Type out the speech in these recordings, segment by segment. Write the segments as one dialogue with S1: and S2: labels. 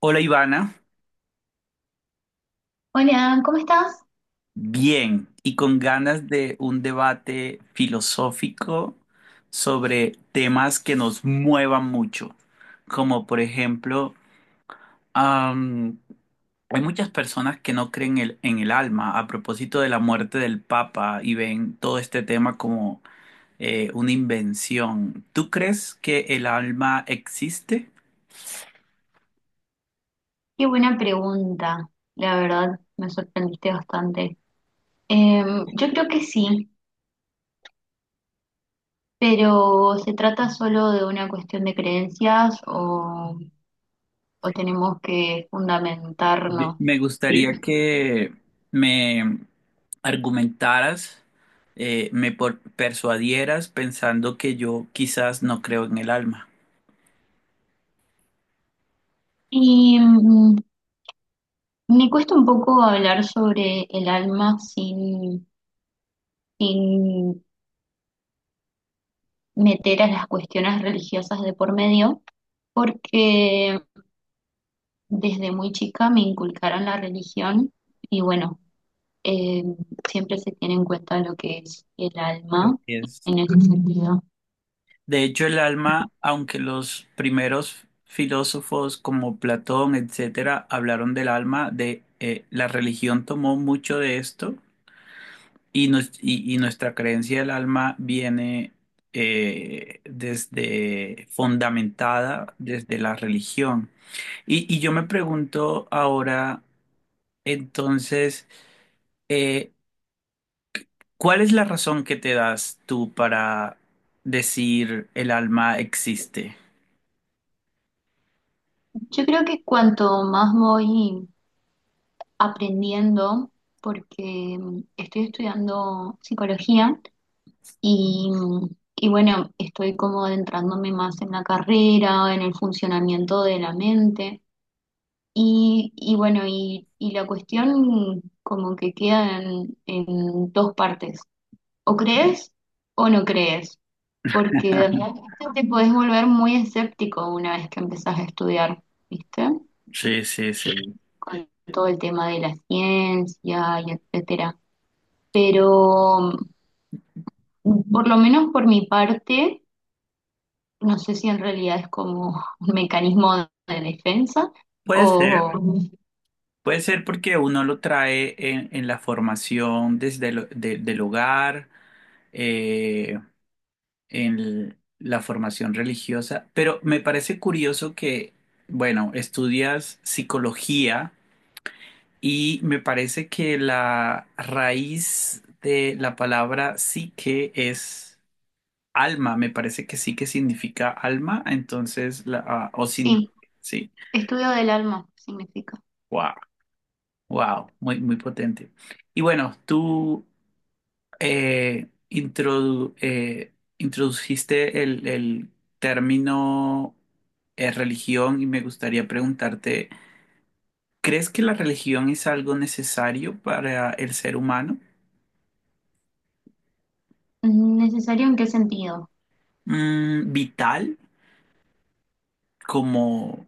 S1: Hola Ivana,
S2: Hola, ¿cómo estás?
S1: bien y con ganas de un debate filosófico sobre temas que nos muevan mucho, como por ejemplo, am, hay muchas personas que no creen en el alma a propósito de la muerte del Papa y ven todo este tema como una invención. ¿Tú crees que el alma existe?
S2: Qué buena pregunta. La verdad, me sorprendiste bastante. Yo creo que sí, pero ¿se trata solo de una cuestión de creencias o tenemos que fundamentarnos?
S1: Me gustaría que me argumentaras, me persuadieras pensando que yo quizás no creo en el alma.
S2: Y mm, Me cuesta un poco hablar sobre el alma sin meter a las cuestiones religiosas de por medio, porque desde muy chica me inculcaron la religión y bueno. eh, Siempre se tiene en cuenta lo que es el
S1: Así
S2: alma
S1: es.
S2: en ese sentido.
S1: De hecho, el alma, aunque los primeros filósofos como Platón, etcétera, hablaron del alma, de la religión tomó mucho de esto y, y nuestra creencia del alma viene desde fundamentada desde la religión. Y yo me pregunto ahora, entonces, eh, ¿cuál es la razón que te das tú para decir el alma existe?
S2: Yo creo que cuanto más voy aprendiendo, porque estoy estudiando psicología y, mm, y bueno, estoy como adentrándome más en la carrera, en el funcionamiento de la mente. Y la cuestión como que queda en dos partes. O crees o no crees, porque realmente te puedes volver muy escéptico una vez que empezás a estudiar, ¿viste?
S1: Sí, sí, sí.
S2: Con todo el tema de la ciencia y etcétera. Pero por lo menos por mi parte, no sé si en realidad es como un mecanismo de defensa
S1: Puede ser,
S2: o ujú.
S1: puede ser porque uno lo trae en la formación desde del hogar, eh, en la formación religiosa, pero me parece curioso que, bueno, estudias psicología. Y me parece que la raíz de la palabra psique es alma. Me parece que sí que significa alma. Entonces, la, ah, o
S2: Sí,
S1: sí.
S2: estudio del alma significa.
S1: Wow, wow, muy, muy potente. Y bueno, tú eh, introdu- eh, introduciste el término religión y me gustaría preguntarte, ¿crees que la religión es algo necesario para el ser humano?
S2: ¿Necesario en qué sentido?
S1: ¿Vital? Como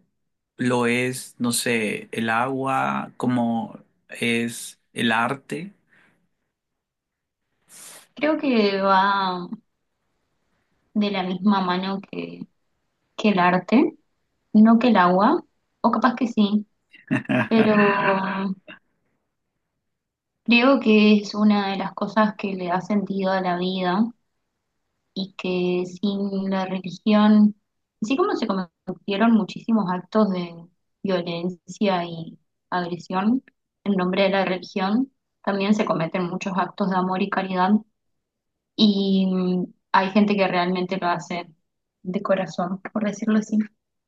S1: lo es, no sé, el agua, como es el arte,
S2: Creo que va de la misma mano que el arte. No que el agua, o capaz que sí, pero creo que es una de las cosas que le da sentido a la vida y que sin la religión, así como se cometieron muchísimos actos de violencia y agresión en nombre de la religión, también se cometen muchos actos de amor y caridad y hay gente que realmente lo hace de corazón, por decirlo así,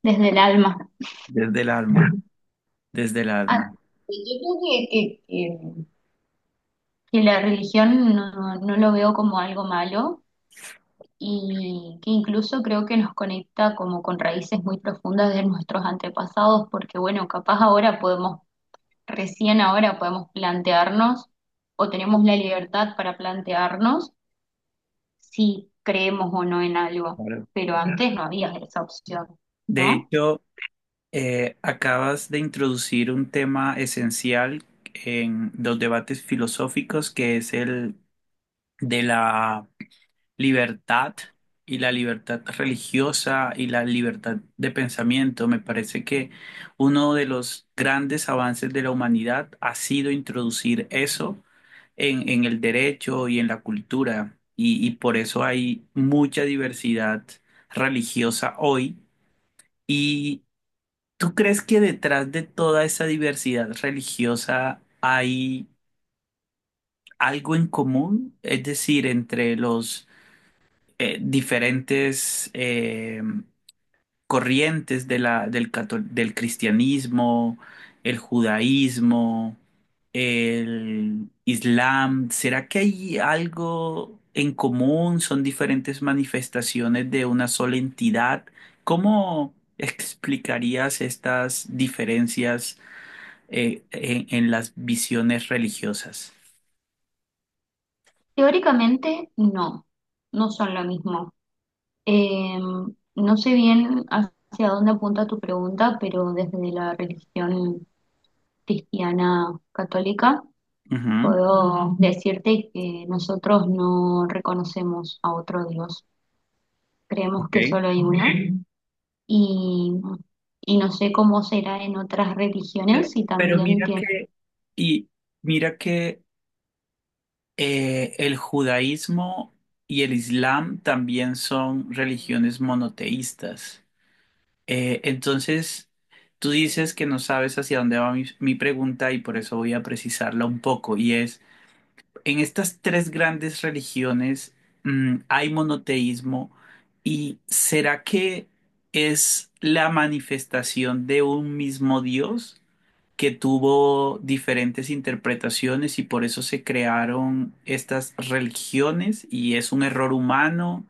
S2: desde el alma.
S1: desde el alma, desde el
S2: Ah,
S1: alma.
S2: yo creo que, que- que que la religión no, no lo veo como algo malo y que incluso creo que nos conecta como con raíces muy profundas de nuestros antepasados, porque bueno, capaz ahora podemos, recién ahora podemos plantearnos o tenemos la libertad para plantearnos si creemos o no en algo,
S1: Claro.
S2: pero antes no había esa opción,
S1: De
S2: ¿no?
S1: hecho, acabas de introducir un tema esencial en los debates filosóficos, que es el de la libertad y la libertad religiosa y la libertad de pensamiento. Me parece que uno de los grandes avances de la humanidad ha sido introducir eso en el derecho y en la cultura, y por eso hay mucha diversidad religiosa hoy. ¿Y tú crees que detrás de toda esa diversidad religiosa hay algo en común? Es decir, entre los diferentes corrientes de la, del cristianismo, el judaísmo, el islam. ¿Será que hay algo en común? ¿Son diferentes manifestaciones de una sola entidad? ¿Cómo explicarías estas diferencias en las visiones religiosas?
S2: Teóricamente no, no son lo mismo. Eh, no sé bien hacia dónde apunta tu pregunta, pero desde la religión cristiana católica
S1: Ujú.
S2: puedo decirte que nosotros no reconocemos a otro Dios. Creemos que
S1: Ok.
S2: solo hay uno y, y no sé cómo será en otras
S1: Pero,
S2: religiones y
S1: pero
S2: también
S1: mira
S2: tiene,
S1: que, y mira que el judaísmo y el islam también son religiones monoteístas. Entonces, tú dices que no sabes hacia dónde va mi pregunta y por eso voy a precisarla un poco. Y es, en estas tres grandes religiones, hay monoteísmo y ¿será que es la manifestación de un mismo Dios? ¿Que tuvo diferentes interpretaciones y por eso se crearon estas religiones y es un error humano?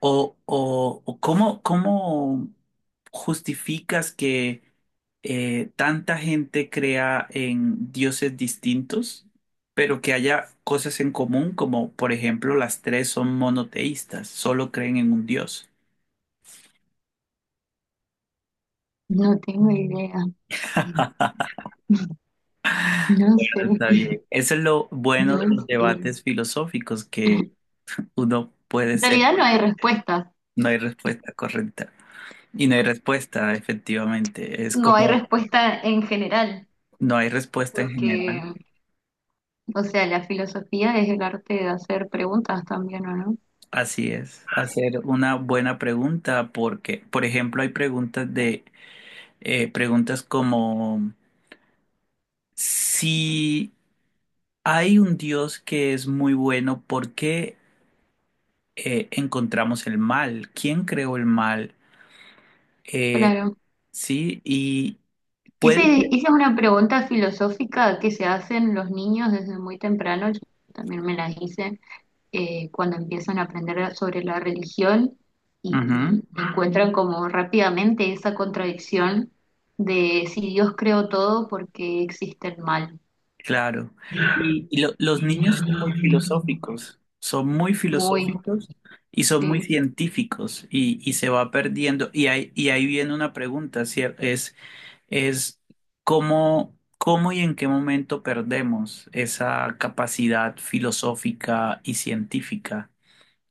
S1: O cómo justificas que tanta gente crea en dioses distintos, pero que haya cosas en común, como por ejemplo las tres son monoteístas, solo creen en un dios?
S2: no tengo idea. No sé,
S1: Está bien. Eso es lo bueno
S2: no
S1: de los
S2: sé.
S1: debates filosóficos, que uno puede
S2: En
S1: ser.
S2: realidad no hay respuestas,
S1: No hay respuesta correcta. Y no hay respuesta, efectivamente. Es
S2: no hay
S1: como
S2: respuesta en general,
S1: no hay respuesta en
S2: porque
S1: general.
S2: o sea, la filosofía es el arte de hacer preguntas también, ¿o no?
S1: Así es. Hacer una buena pregunta porque, por ejemplo, hay preguntas de preguntas como si hay un Dios que es muy bueno, ¿por qué encontramos el mal? ¿Quién creó el mal? Eh,
S2: Claro.
S1: sí, y
S2: Ese,
S1: puede ser.
S2: Esa es una pregunta filosófica que se hacen los niños desde muy temprano. Yo también me las hice cuando empiezan a aprender sobre la religión
S1: Ujú.
S2: y encuentran como rápidamente esa contradicción de si Dios creó todo, ¿por qué existe el mal?
S1: Claro. Y los niños son muy
S2: Muy,
S1: filosóficos y son muy
S2: sí.
S1: científicos y se va perdiendo. Y ahí viene una pregunta, es cómo y en qué momento perdemos esa capacidad filosófica y científica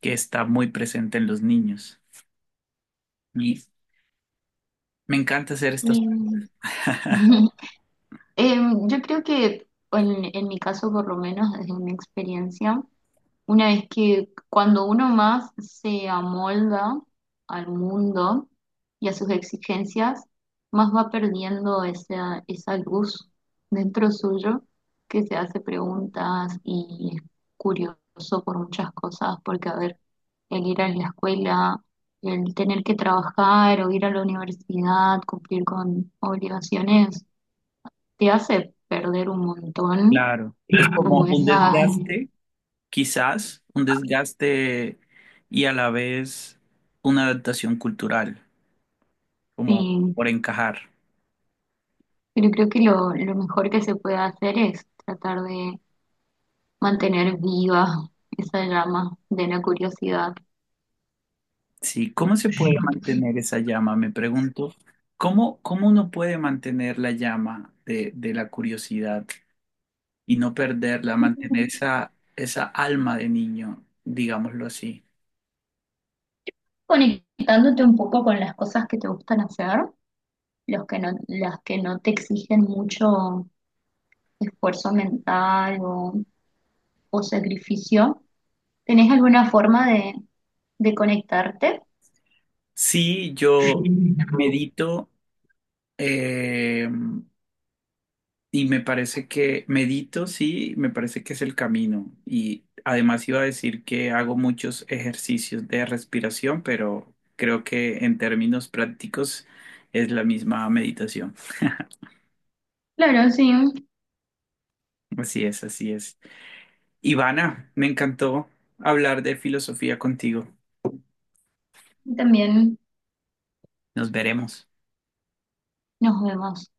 S1: que está muy presente en los niños. Y me encanta hacer estas
S2: Mm.
S1: preguntas.
S2: Yo creo que en mi caso, por lo menos desde mi experiencia, una vez que cuando uno más se amolda al mundo y a sus exigencias, más va perdiendo esa luz dentro suyo que se hace preguntas y es curioso por muchas cosas, porque a ver, el ir a la escuela, el tener que trabajar o ir a la universidad, cumplir con obligaciones te hace perder un montón,
S1: Claro, es como
S2: como
S1: un
S2: esa,
S1: desgaste. Quizás un desgaste y a la vez una adaptación cultural, como
S2: sí,
S1: por encajar.
S2: pero creo que lo mejor que se puede hacer es tratar de mantener viva esa llama de la curiosidad,
S1: Sí, ¿cómo se puede mantener esa llama? Me pregunto, ¿cómo uno puede mantener la llama de la curiosidad y no perderla, mantener esa, esa alma de niño, digámoslo así?
S2: conectándote un poco con las cosas que te gustan hacer, los que no, las que no te exigen mucho esfuerzo mental o sacrificio. ¿Tenés alguna forma de conectarte?
S1: Sí, yo medito. eh, Y me parece que medito, sí, me parece que es el camino. Y además iba a decir que hago muchos ejercicios de respiración, pero creo que en términos prácticos es la misma meditación.
S2: Claro, sí,
S1: Así es, así es. Ivana, me encantó hablar de filosofía contigo.
S2: también
S1: Nos veremos.
S2: nos vemos.